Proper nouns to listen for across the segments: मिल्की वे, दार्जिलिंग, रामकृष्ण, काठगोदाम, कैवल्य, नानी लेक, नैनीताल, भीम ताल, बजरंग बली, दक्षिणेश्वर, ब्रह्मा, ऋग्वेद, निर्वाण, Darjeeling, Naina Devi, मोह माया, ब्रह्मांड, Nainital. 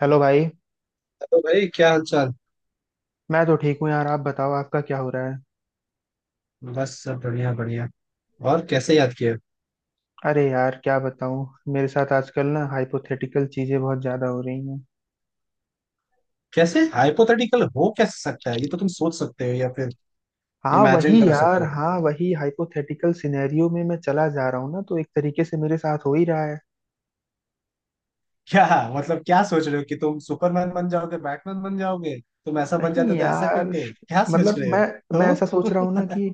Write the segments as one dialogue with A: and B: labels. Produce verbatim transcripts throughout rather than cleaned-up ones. A: Hello भाई।
B: Hello भाई, क्या हाल चाल।
A: मैं तो ठीक हूँ यार, आप बताओ आपका क्या हो रहा है।
B: बस सब बढ़िया बढ़िया। और कैसे याद किया?
A: अरे यार क्या बताऊँ, मेरे साथ आजकल ना हाइपोथेटिकल चीजें बहुत ज्यादा हो रही हैं।
B: कैसे हाइपोथेटिकल हो कैसे सकता है, ये तो तुम सोच सकते हो या फिर
A: हाँ
B: इमेजिन
A: वही
B: कर सकते
A: यार,
B: हो।
A: हाँ वही हाइपोथेटिकल सिनेरियो में मैं चला जा रहा हूँ ना, तो एक तरीके से मेरे साथ हो ही रहा है।
B: क्या मतलब, क्या सोच रहे हो कि तुम सुपरमैन बन जाओगे, बैटमैन बन जाओगे? तुम ऐसा बन
A: नहीं
B: जाते तो ऐसा
A: यार,
B: करते, क्या सोच
A: मतलब
B: रहे हो?
A: मैं मैं
B: तो
A: ऐसा सोच रहा हूँ ना कि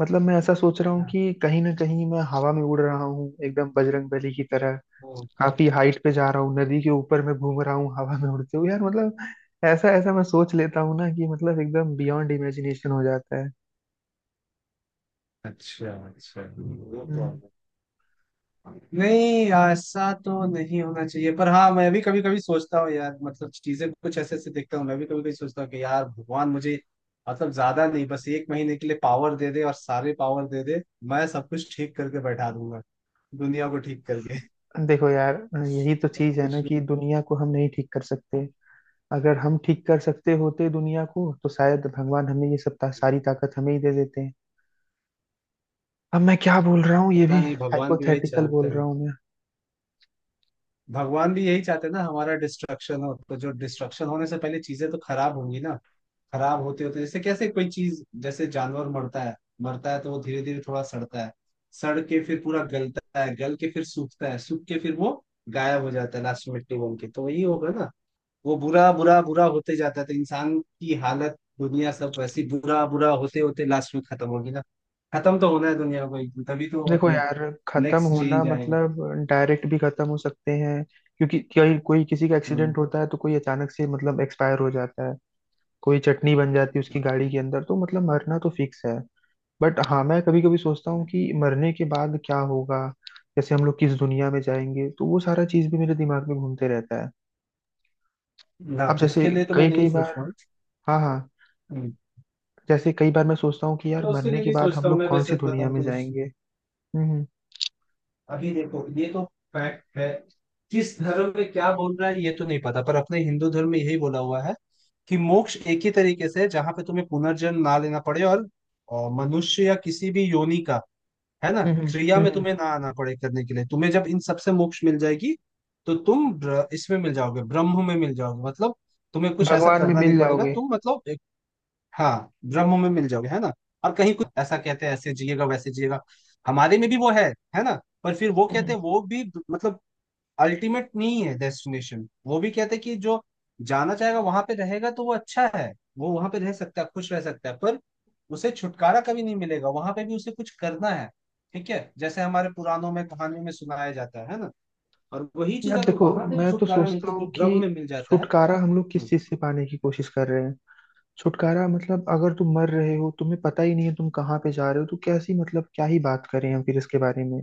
A: मतलब मैं ऐसा सोच रहा हूँ
B: हाँ।
A: कि कहीं ना कहीं मैं हवा में उड़ रहा हूँ एकदम बजरंग बली की तरह।
B: ओ।
A: काफी हाइट पे जा रहा हूँ,
B: ओ।
A: नदी के ऊपर मैं घूम रहा हूँ हवा में उड़ते हुए यार, मतलब ऐसा ऐसा मैं सोच लेता हूँ ना कि मतलब एकदम बियॉन्ड इमेजिनेशन हो जाता है।
B: अच्छा अच्छा, वो तो
A: हम्म।
B: है। नहीं, ऐसा तो नहीं होना चाहिए, पर हाँ मैं भी कभी कभी सोचता हूँ यार। मतलब चीजें कुछ ऐसे ऐसे देखता हूँ, मैं भी कभी कभी सोचता हूँ कि यार भगवान मुझे मतलब ज्यादा नहीं, बस एक महीने के लिए पावर दे दे, और सारे पावर दे दे। मैं सब कुछ ठीक करके बैठा दूंगा, दुनिया को ठीक करके।
A: देखो यार, यही तो
B: और
A: चीज है ना
B: कुछ नहीं।
A: कि दुनिया को हम नहीं ठीक कर सकते। अगर हम ठीक कर सकते होते दुनिया को तो शायद भगवान हमें ये सब ता, सारी ताकत हमें ही दे देते हैं। अब मैं क्या बोल रहा हूँ ये
B: पता
A: भी
B: नहीं, भगवान भी वही
A: हाइपोथेटिकल
B: चाहते
A: बोल
B: हैं।
A: रहा हूँ मैं।
B: भगवान भी यही चाहते हैं ना, हमारा डिस्ट्रक्शन हो, तो जो डिस्ट्रक्शन होने से पहले चीजें तो खराब होंगी ना। खराब होते होते, जैसे कैसे कोई चीज जैसे जानवर मरता है, मरता है तो वो धीरे धीरे थोड़ा सड़ता है। सड़ के फिर पूरा गलता है, गल के फिर सूखता है, सूख के फिर वो गायब हो जाता है, लास्ट में मिट्टी बन के। तो वही होगा ना, वो बुरा बुरा बुरा होते जाता है। तो इंसान की हालत, दुनिया सब वैसी बुरा बुरा होते होते लास्ट में खत्म होगी ना। खत्म तो होना है दुनिया को एक दिन, तभी तो
A: देखो
B: मतलब
A: यार, खत्म
B: नेक्स्ट
A: होना
B: चेंज आएगा।
A: मतलब डायरेक्ट भी खत्म हो सकते हैं। क्योंकि कोई कोई किसी का
B: हम्म
A: एक्सीडेंट होता है तो कोई अचानक से मतलब एक्सपायर हो जाता है। कोई चटनी बन जाती है उसकी
B: हम्म,
A: गाड़ी के अंदर, तो मतलब मरना तो फिक्स है। बट हाँ, मैं कभी कभी सोचता हूँ
B: हम्म।
A: कि मरने के बाद क्या होगा। जैसे हम लोग किस दुनिया में जाएंगे, तो वो सारा चीज भी मेरे दिमाग में घूमते रहता है।
B: ना,
A: अब जैसे
B: उसके लिए तो मैं
A: कई
B: नहीं
A: कई
B: सोच
A: बार
B: रहा हूँ।
A: हाँ हाँ,
B: हम्म।
A: जैसे कई बार मैं सोचता हूँ कि यार
B: मैं उसके
A: मरने
B: लिए
A: के
B: नहीं
A: बाद
B: सोचता
A: हम
B: हूँ,
A: लोग
B: मैं
A: कौन सी
B: वैसे
A: दुनिया
B: बताऊँ
A: में
B: तो
A: जाएंगे। हम्म
B: अभी देखो, ये तो फैक्ट है। किस धर्म में क्या बोल रहा है ये तो नहीं पता, पर अपने हिंदू धर्म में यही बोला हुआ है कि मोक्ष एक ही तरीके से है, जहां पे तुम्हें पुनर्जन्म ना लेना पड़े, और, और मनुष्य या किसी भी योनि का, है ना,
A: हम्म, हम्म,
B: क्रिया
A: हम्म,
B: में
A: हम्म।
B: तुम्हें ना आना पड़े करने के लिए। तुम्हें जब इन सबसे मोक्ष मिल जाएगी, तो तुम ब्र- इसमें मिल जाओगे, ब्रह्म में मिल जाओगे। मतलब तुम्हें कुछ ऐसा
A: भगवान में
B: करना नहीं
A: मिल
B: पड़ेगा,
A: जाओगे।
B: तुम मतलब। हाँ ब्रह्म में मिल जाओगे, है ना। और कहीं कुछ ऐसा कहते हैं, ऐसे जिएगा वैसे जिएगा, हमारे में भी वो है है ना। पर फिर वो कहते हैं वो भी मतलब अल्टीमेट नहीं है डेस्टिनेशन। वो भी कहते हैं कि जो जाना चाहेगा वहां पे रहेगा तो वो अच्छा है, वो वहां पे रह सकता है, खुश रह सकता है, पर उसे छुटकारा कभी नहीं मिलेगा। वहां पे भी उसे कुछ करना है, ठीक है, जैसे हमारे पुराणों में कहानियों में सुनाया जाता है है ना। और वही चीज,
A: यार
B: अगर
A: देखो,
B: वहां पे भी
A: मैं तो
B: छुटकारा
A: सोचता
B: मिलता है, जो
A: हूँ
B: ब्रह्म में
A: कि
B: मिल जाता है।
A: छुटकारा हम लोग
B: हम्म।
A: किस चीज से पाने की कोशिश कर रहे हैं। छुटकारा मतलब अगर तुम मर रहे हो, तुम्हें पता ही नहीं है तुम कहाँ पे जा रहे हो, तो कैसी मतलब क्या ही बात करें हम फिर इसके बारे में।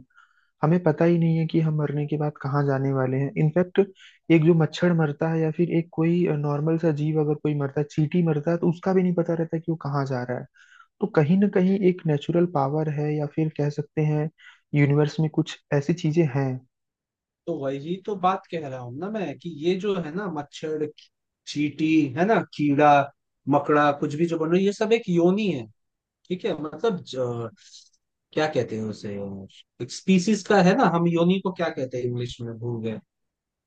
A: हमें पता ही नहीं है कि हम मरने के बाद कहाँ जाने वाले हैं इनफैक्ट। एक जो मच्छर मरता है या फिर एक कोई नॉर्मल सा जीव अगर कोई मरता है, चींटी मरता है, तो उसका भी नहीं पता रहता कि वो कहाँ जा रहा है। तो कहीं ना कहीं एक नेचुरल पावर है या फिर कह सकते हैं यूनिवर्स में कुछ ऐसी चीजें हैं।
B: तो वही तो बात कह रहा हूँ ना मैं, कि ये जो है ना मच्छर, चींटी, है ना कीड़ा मकड़ा, कुछ भी जो बन रही, ये सब एक योनि है। ठीक है, मतलब ज- क्या कहते हैं उसे, एक स्पीसीज का। है ना, हम योनि को क्या कहते हैं इंग्लिश में भूल गए।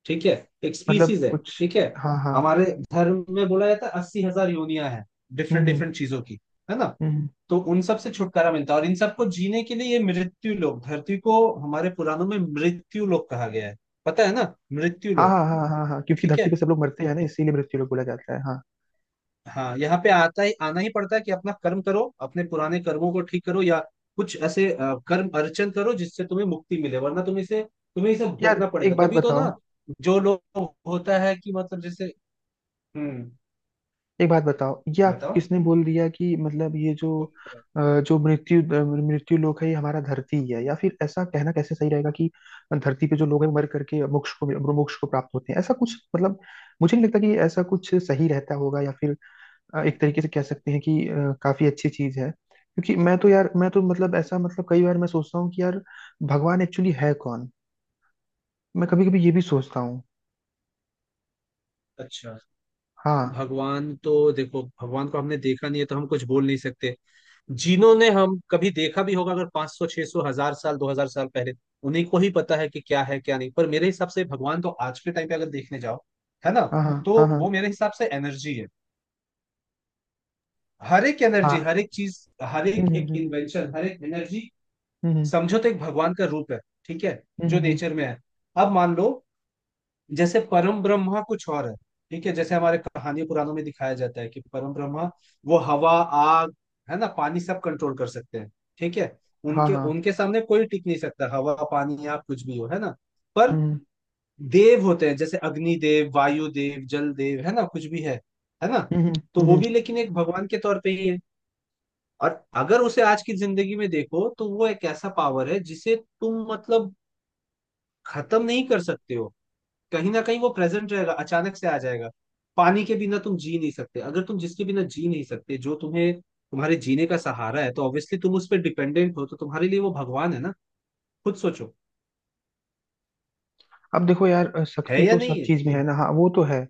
B: ठीक है, एक स्पीसीज
A: मतलब
B: है,
A: कुछ
B: ठीक है।
A: हाँ हाँ।
B: हमारे धर्म में बोला जाता है अस्सी हजार योनियां हैं,
A: हम्म
B: डिफरेंट
A: हम्म,
B: डिफरेंट चीजों की, है ना।
A: हम्म।
B: तो उन सब से छुटकारा मिलता है, और इन सबको जीने के लिए ये मृत्यु लोक, धरती को हमारे पुराणों में मृत्यु लोक कहा गया है, पता है ना, मृत्यु
A: हाँ
B: लोक।
A: हाँ हाँ हाँ हाँ, क्योंकि
B: ठीक है,
A: धरती पे सब लोग मरते हैं ना, इसीलिए मृत्यु लोग बोला जाता है हाँ।
B: हाँ, यहाँ पे आता ही, आना ही पड़ता है कि अपना कर्म करो, अपने पुराने कर्मों को ठीक करो, या कुछ ऐसे अ, कर्म अर्चन करो जिससे तुम्हें मुक्ति मिले, वरना तुम इसे, तुम्हें इसे
A: यार
B: भोगना पड़ेगा,
A: एक बात
B: तभी तो
A: बताओ,
B: ना। जो लोग होता है कि मतलब जैसे। हम्म।
A: एक बात बताओ ये आपको
B: बताओ,
A: किसने बोल दिया कि मतलब ये जो
B: कौन सा बात?
A: अ, जो मृत्यु मृत्यु लोक है ये हमारा धरती ही है, या फिर ऐसा कहना कैसे सही रहेगा कि धरती पे जो लोग हैं मर करके मोक्ष को मोक्ष को प्राप्त होते हैं ऐसा कुछ। मतलब मुझे नहीं लगता कि ऐसा कुछ सही रहता होगा, या फिर अ, एक तरीके से कह सकते हैं कि अ, काफी अच्छी चीज है। क्योंकि मैं तो यार, मैं तो मतलब ऐसा मतलब कई बार मैं सोचता हूँ कि यार भगवान एक्चुअली है कौन। मैं कभी कभी ये भी सोचता हूँ।
B: अच्छा।
A: हाँ
B: भगवान तो देखो, भगवान को हमने देखा नहीं है, तो हम कुछ बोल नहीं सकते। जिन्होंने हम कभी देखा भी होगा अगर, पाँच सौ छह सौ हजार साल, दो हज़ार साल पहले, उन्हीं को ही पता है कि क्या है क्या नहीं। पर मेरे हिसाब से भगवान तो आज के टाइम पे अगर देखने जाओ, है ना,
A: हाँ हाँ हाँ
B: तो
A: हाँ
B: वो मेरे हिसाब से एनर्जी है। हर एक एनर्जी,
A: हाँ।
B: हर एक चीज, हर एक
A: हम्म
B: एक
A: हम्म
B: इन्वेंशन, हर एक एनर्जी
A: हम्म हम्म,
B: समझो, तो एक भगवान का रूप है, ठीक है,
A: हम्म,
B: जो
A: हम्म,
B: नेचर में है। अब मान लो, जैसे परम ब्रह्मा कुछ और है। ठीक है, जैसे हमारे कहानी पुराणों में दिखाया जाता है कि परम ब्रह्मा वो हवा, आग, है ना, पानी सब कंट्रोल कर सकते हैं। ठीक है,
A: हाँ
B: उनके
A: हाँ।
B: उनके सामने कोई टिक नहीं सकता, हवा पानी आग कुछ भी हो, है ना। पर
A: हम्म
B: देव होते हैं, जैसे अग्नि देव, वायु देव, जल देव, है ना, कुछ भी है है ना।
A: हम्म
B: तो
A: हम्म
B: वो
A: हम्म।
B: भी लेकिन एक भगवान के तौर पे ही है। और अगर उसे आज की जिंदगी में देखो तो वो एक ऐसा पावर है जिसे तुम मतलब खत्म नहीं कर सकते हो। कहीं ना कहीं वो प्रेजेंट रहेगा, अचानक से आ जाएगा। पानी के बिना तुम जी नहीं सकते, अगर तुम जिसके बिना जी नहीं सकते, जो तुम्हें तुम्हारे जीने का सहारा है, तो ऑब्वियसली तुम उस पर डिपेंडेंट हो, तो तुम्हारे लिए वो भगवान है ना। खुद सोचो,
A: अब देखो यार, अ,
B: है
A: शक्ति
B: या
A: तो
B: नहीं
A: सब
B: है।
A: चीज में है ना, हाँ वो तो है।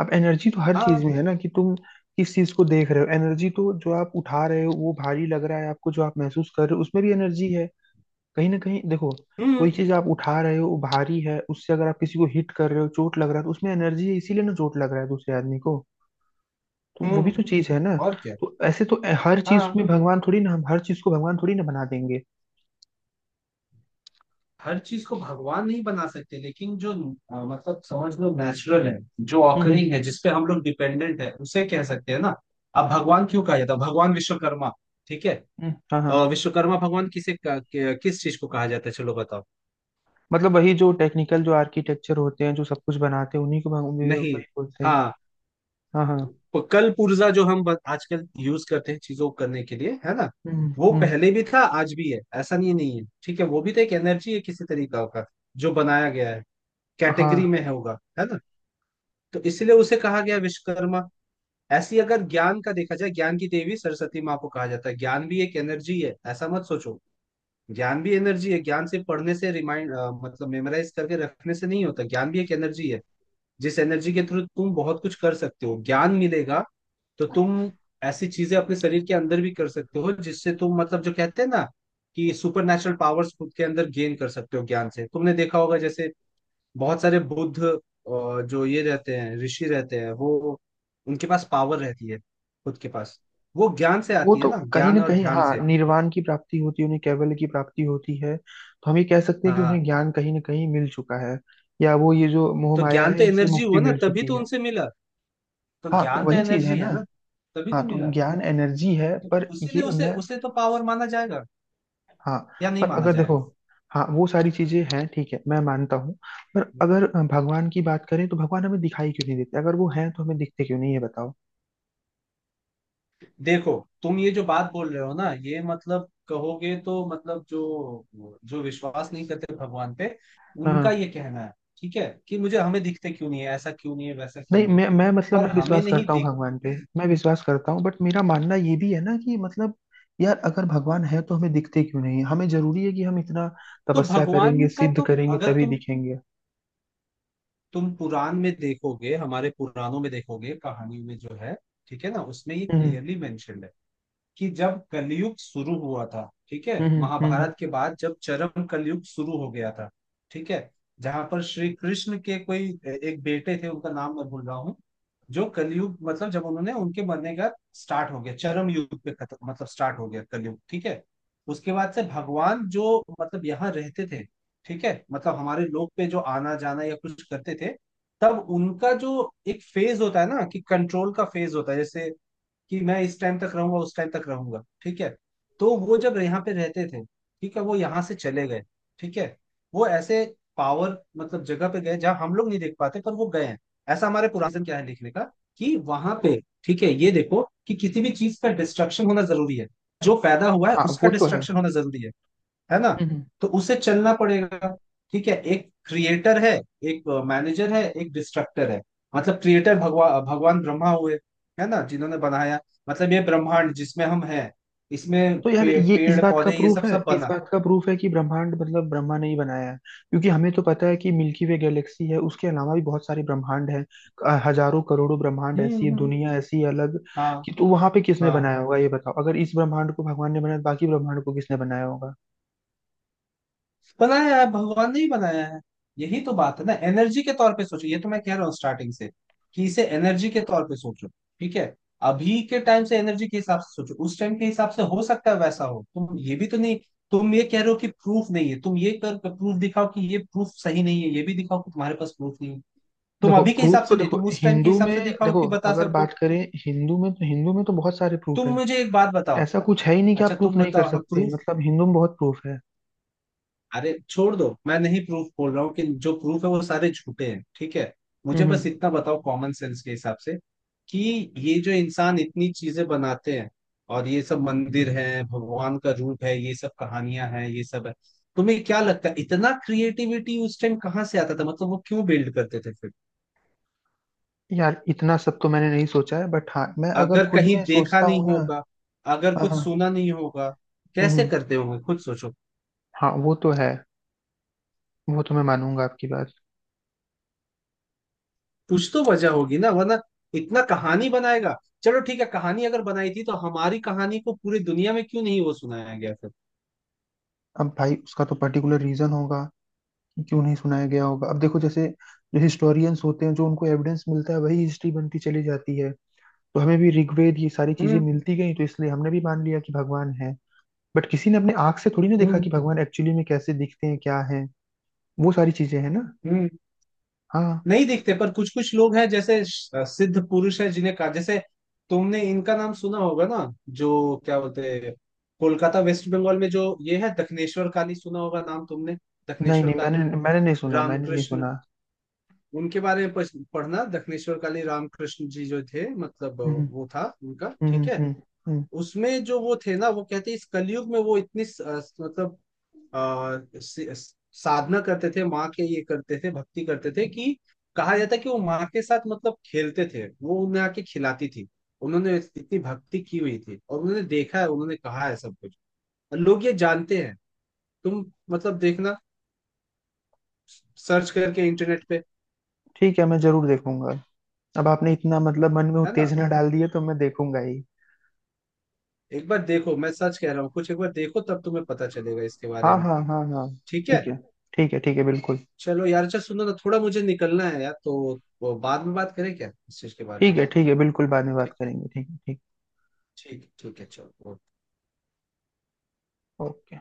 A: अब एनर्जी तो हर चीज
B: हाँ।
A: में है ना, कि तुम किस चीज को देख रहे हो। एनर्जी तो जो आप उठा रहे हो वो भारी लग रहा है आपको, जो आप महसूस कर रहे हो उसमें भी एनर्जी है। कहीं ना कहीं देखो,
B: हम्म
A: कोई चीज आप उठा रहे हो वो भारी है, उससे अगर आप किसी को हिट कर रहे हो चोट लग रहा है, तो उसमें एनर्जी है इसीलिए ना चोट लग रहा है दूसरे आदमी को। तो वो भी
B: हम्म।
A: तो चीज है ना।
B: और क्या।
A: तो ऐसे तो हर चीज
B: हाँ,
A: में भगवान थोड़ी ना, हम हर चीज को भगवान थोड़ी ना बना देंगे।
B: हर चीज को भगवान नहीं बना सकते, लेकिन जो अ, मतलब समझ लो नेचुरल है, जो
A: हम्म हम्म
B: ऑकरिंग है, जिसपे हम लोग डिपेंडेंट है, उसे कह सकते हैं ना। अब भगवान क्यों कहा जाता है भगवान विश्वकर्मा, ठीक है।
A: हम्म, हाँ हाँ।
B: अ, विश्वकर्मा भगवान किसे का- कि- किस चीज को कहा जाता है, चलो बताओ।
A: मतलब वही जो टेक्निकल जो आर्किटेक्चर होते हैं जो सब कुछ बनाते हैं, उन्हीं को भग- वही
B: नहीं।
A: वही बोलते हैं।
B: हाँ,
A: हाँ हाँ।
B: प- कल पुर्जा जो हम ब- आजकल यूज करते हैं चीजों को करने के लिए, है ना,
A: हम्म
B: वो
A: हम्म।
B: पहले भी था आज भी है, ऐसा नहीं नहीं है। ठीक है, वो भी तो एक एनर्जी है किसी तरीका का जो बनाया गया है, कैटेगरी
A: हाँ,
B: में है होगा, है ना। तो इसलिए उसे कहा गया विश्वकर्मा। ऐसी अगर ज्ञान का देखा जाए, ज्ञान की देवी सरस्वती माँ को कहा जाता है। ज्ञान भी एक एनर्जी है, ऐसा मत सोचो ज्ञान भी एनर्जी है। ज्ञान सिर्फ पढ़ने से रिमाइंड मतलब मेमोराइज करके रखने से नहीं होता, ज्ञान भी एक एनर्जी है, जिस एनर्जी के थ्रू तुम बहुत कुछ कर सकते हो। ज्ञान मिलेगा तो तुम ऐसी चीजें अपने शरीर के अंदर भी कर सकते हो, जिससे तुम मतलब जो कहते हैं ना कि सुपर नेचुरल पावर्स खुद के अंदर गेन कर सकते हो। ज्ञान से, तुमने देखा होगा जैसे बहुत सारे बुद्ध अ, जो ये रहते हैं, ऋषि रहते हैं, वो उनके पास पावर रहती है खुद के पास। वो ज्ञान से
A: वो
B: आती है
A: तो
B: ना,
A: कहीं
B: ज्ञान
A: ना
B: और
A: कहीं
B: ध्यान
A: हाँ,
B: से।
A: निर्वाण की प्राप्ति होती है उन्हें, कैवल्य की प्राप्ति होती है, तो हम ये कह सकते हैं कि उन्हें
B: हाँ,
A: ज्ञान कहीं ना कहीं मिल चुका है, या वो ये जो मोह
B: तो
A: माया
B: ज्ञान
A: है
B: तो
A: इनसे
B: एनर्जी
A: मुक्ति
B: हुआ ना,
A: मिल
B: तभी
A: चुकी
B: तो
A: है।
B: उनसे मिला। तो
A: हाँ तो
B: ज्ञान तो
A: वही चीज है
B: एनर्जी
A: ना।
B: है ना, तभी तो
A: हाँ,
B: मिला।
A: तो ज्ञान एनर्जी है,
B: तो
A: पर ये
B: उसीलिए उसे
A: मैं
B: उसे तो पावर माना जाएगा
A: हाँ,
B: या नहीं
A: पर
B: माना
A: अगर देखो,
B: जाएगा।
A: हाँ वो सारी चीजें हैं, ठीक है, मैं मानता हूँ। पर अगर भगवान की बात करें तो भगवान हमें दिखाई क्यों नहीं देते, अगर वो हैं तो हमें दिखते क्यों नहीं, ये बताओ।
B: देखो, तुम ये जो बात बोल रहे हो ना, ये मतलब कहोगे तो, मतलब जो जो विश्वास नहीं करते भगवान पे,
A: हाँ,
B: उनका ये कहना है, ठीक है, कि मुझे हमें दिखते क्यों नहीं है, ऐसा क्यों नहीं है, वैसा क्यों
A: नहीं
B: नहीं है।
A: मैं मैं मतलब
B: पर
A: मैं
B: हमें
A: विश्वास
B: नहीं
A: करता हूँ
B: दिख,
A: भगवान पे, मैं विश्वास करता हूँ, बट मेरा मानना ये भी है ना कि मतलब यार अगर भगवान है तो हमें दिखते क्यों नहीं है? हमें जरूरी है कि हम इतना
B: तो
A: तपस्या
B: भगवान
A: करेंगे,
B: का
A: सिद्ध
B: तो,
A: करेंगे
B: अगर
A: तभी
B: तुम,
A: दिखेंगे।
B: तुम पुराण में देखोगे, हमारे पुराणों में देखोगे कहानी में जो है, ठीक है ना, उसमें ये
A: हम्म
B: क्लियरली मेंशन्ड है कि जब कलयुग शुरू हुआ था। ठीक है,
A: हम्म हम्म हम्म,
B: महाभारत के बाद जब चरम कलयुग शुरू हो गया था, ठीक है, जहां पर श्री कृष्ण के कोई एक बेटे थे, उनका नाम मैं भूल रहा हूँ, जो कलयुग मतलब जब उन्होंने उनके मरने का स्टार्ट हो गया, चरम युग पे खत्म, मतलब स्टार्ट हो गया कलयुग। ठीक है, उसके बाद से भगवान जो मतलब यहाँ रहते थे, ठीक है, मतलब हमारे लोक पे जो आना जाना या कुछ करते थे, तब उनका जो एक फेज होता है ना कि कंट्रोल का फेज होता है जैसे कि मैं इस टाइम तक रहूंगा, उस टाइम तक रहूंगा, ठीक है। तो वो जब यहाँ पे रहते थे, ठीक है, वो यहाँ से चले गए, ठीक है। वो ऐसे पावर मतलब जगह पे गए जहाँ हम लोग नहीं देख पाते, पर वो गए हैं, ऐसा हमारे पुराने क्या है लिखने का। कि वहां पे, ठीक है, ये देखो कि किसी भी चीज का डिस्ट्रक्शन होना जरूरी है, जो पैदा हुआ है
A: हाँ
B: उसका
A: वो तो है।
B: डिस्ट्रक्शन होना जरूरी है है ना।
A: हम्म।
B: तो उसे चलना पड़ेगा। ठीक है, एक क्रिएटर है, एक मैनेजर है, एक डिस्ट्रक्टर है। मतलब क्रिएटर भगवा भगवान ब्रह्मा हुए, है ना, जिन्होंने बनाया, मतलब ये ब्रह्मांड जिसमें हम हैं, इसमें
A: तो यार
B: पे,
A: ये इस
B: पेड़
A: बात का
B: पौधे ये सब
A: प्रूफ है,
B: सब
A: इस
B: बना।
A: बात का प्रूफ है कि ब्रह्मांड मतलब ब्रह्मा ने ही बनाया है? क्योंकि हमें तो पता है कि मिल्की वे गैलेक्सी है, उसके अलावा भी बहुत सारे ब्रह्मांड हैं, अ, हजारों करोड़ों ब्रह्मांड
B: हम्म
A: ऐसी है,
B: हम्म।
A: दुनिया ऐसी है अलग।
B: हाँ
A: कि तो वहां पे किसने
B: हाँ।
A: बनाया होगा ये बताओ, अगर इस ब्रह्मांड को भगवान ने बनाया तो बाकी ब्रह्मांड को किसने बनाया होगा।
B: बनाया है, भगवान ने ही बनाया है। यही तो बात है ना, एनर्जी के तौर पे सोचो, ये तो मैं कह रहा हूँ स्टार्टिंग से कि इसे एनर्जी के तौर पे सोचो, ठीक है। अभी के टाइम से एनर्जी के हिसाब से सोचो, उस टाइम के हिसाब से हो सकता है वैसा हो। तुम ये भी तो नहीं, तुम ये कह रहे हो कि प्रूफ नहीं है, तुम ये कर प्रूफ दिखाओ कि ये प्रूफ सही नहीं है, ये भी दिखाओ कि तुम्हारे पास प्रूफ नहीं है। तुम
A: देखो
B: अभी के
A: प्रूफ
B: हिसाब से
A: तो
B: नहीं,
A: देखो
B: तुम उस टाइम के
A: हिंदू
B: हिसाब
A: में,
B: से दिखाओ
A: देखो
B: कि बता
A: अगर
B: सको।
A: बात करें हिंदू में, तो हिंदू में तो बहुत सारे प्रूफ
B: तुम
A: है।
B: मुझे एक बात बताओ।
A: ऐसा कुछ है ही नहीं कि
B: अच्छा
A: आप प्रूफ
B: तुम
A: नहीं कर
B: बताओ
A: सकते,
B: प्रूफ।
A: मतलब हिंदू में बहुत प्रूफ है।
B: अरे छोड़ दो, मैं नहीं प्रूफ बोल रहा हूँ कि जो प्रूफ है वो सारे झूठे हैं, ठीक है। मुझे बस
A: हम्म।
B: इतना बताओ कॉमन सेंस के हिसाब से, कि ये जो इंसान इतनी चीजें बनाते हैं, और ये सब मंदिर है भगवान का रूप है, ये सब कहानियां हैं, ये सब है, तुम्हें क्या लगता है इतना क्रिएटिविटी उस टाइम कहाँ से आता था, मतलब वो क्यों बिल्ड करते थे फिर?
A: यार इतना सब तो मैंने नहीं सोचा है, बट हाँ मैं अगर
B: अगर
A: खुद
B: कहीं
A: में
B: देखा
A: सोचता
B: नहीं
A: हूँ ना
B: होगा, अगर
A: हाँ
B: कुछ
A: हाँ।
B: सुना नहीं होगा, कैसे
A: हम्म।
B: करते होंगे, खुद सोचो।
A: हाँ वो तो है, वो तो मैं मानूंगा आपकी बात।
B: कुछ तो वजह होगी ना, वरना इतना कहानी बनाएगा। चलो ठीक है, कहानी अगर बनाई थी तो हमारी कहानी को पूरी दुनिया में क्यों नहीं वो सुनाया गया फिर?
A: अब भाई उसका तो पर्टिकुलर रीजन होगा कि क्यों नहीं सुनाया गया होगा। अब देखो जैसे जो हिस्टोरियंस होते हैं, जो उनको एविडेंस मिलता है वही हिस्ट्री बनती चली जाती है। तो हमें भी ऋग्वेद ये सारी चीजें
B: हम्म
A: मिलती गई, तो इसलिए हमने भी मान लिया कि भगवान है। बट किसी ने अपने आंख से थोड़ी ना देखा
B: हम्म
A: कि भगवान एक्चुअली में कैसे दिखते हैं क्या है, वो सारी चीजें हैं ना।
B: हम्म।
A: हाँ,
B: नहीं दिखते, पर कुछ कुछ लोग हैं जैसे श- सिद्ध पुरुष है, जिन्हें कहा जैसे, तुमने इनका नाम सुना होगा ना, जो क्या बोलते हैं, कोलकाता वेस्ट बंगाल में जो ये है दक्षिणेश्वर काली, सुना होगा नाम तुमने,
A: नहीं
B: दक्षिणेश्वर
A: नहीं, मैंने
B: काली,
A: मैंने नहीं सुना, मैंने नहीं
B: रामकृष्ण।
A: सुना।
B: उनके बारे में पढ़- पढ़ना, दक्षिणेश्वर काली रामकृष्ण जी जो थे, मतलब
A: हम्म।
B: वो था उनका,
A: हम्म
B: ठीक है।
A: हम्म हम्म,
B: उसमें जो वो थे ना, वो कहते इस कलयुग में वो इतनी स- अ, मतलब आ, साधना करते थे, माँ के ये करते थे, भक्ति करते थे, कि कहा जाता है कि वो माँ के साथ मतलब खेलते थे, वो उन्हें आके खिलाती थी। उन्होंने इतनी भक्ति की हुई थी, और उन्होंने देखा है, उन्होंने कहा है सब कुछ, और लोग ये जानते हैं। तुम मतलब देखना, सर्च करके इंटरनेट पे,
A: ठीक है मैं जरूर देखूंगा। अब आपने इतना मतलब मन में
B: है ना,
A: उत्तेजना डाल दी है तो मैं देखूंगा ही।
B: एक बार देखो, मैं सच कह रहा हूँ कुछ। एक बार देखो तब तुम्हें पता चलेगा इसके बारे
A: हाँ
B: में।
A: हाँ हाँ हाँ,
B: ठीक है।
A: ठीक है। ठीक है ठीक है बिल्कुल।
B: चलो यार, अच्छा सुनो ना, थोड़ा मुझे निकलना है यार, तो वो बाद में बात करें क्या इस चीज के बारे
A: ठीक
B: में।
A: है ठीक है बिल्कुल, बाद में बात
B: ठीक है,
A: करेंगे, ठीक है ठीक।
B: ठीक है, ठीक है, चलो।
A: ओके।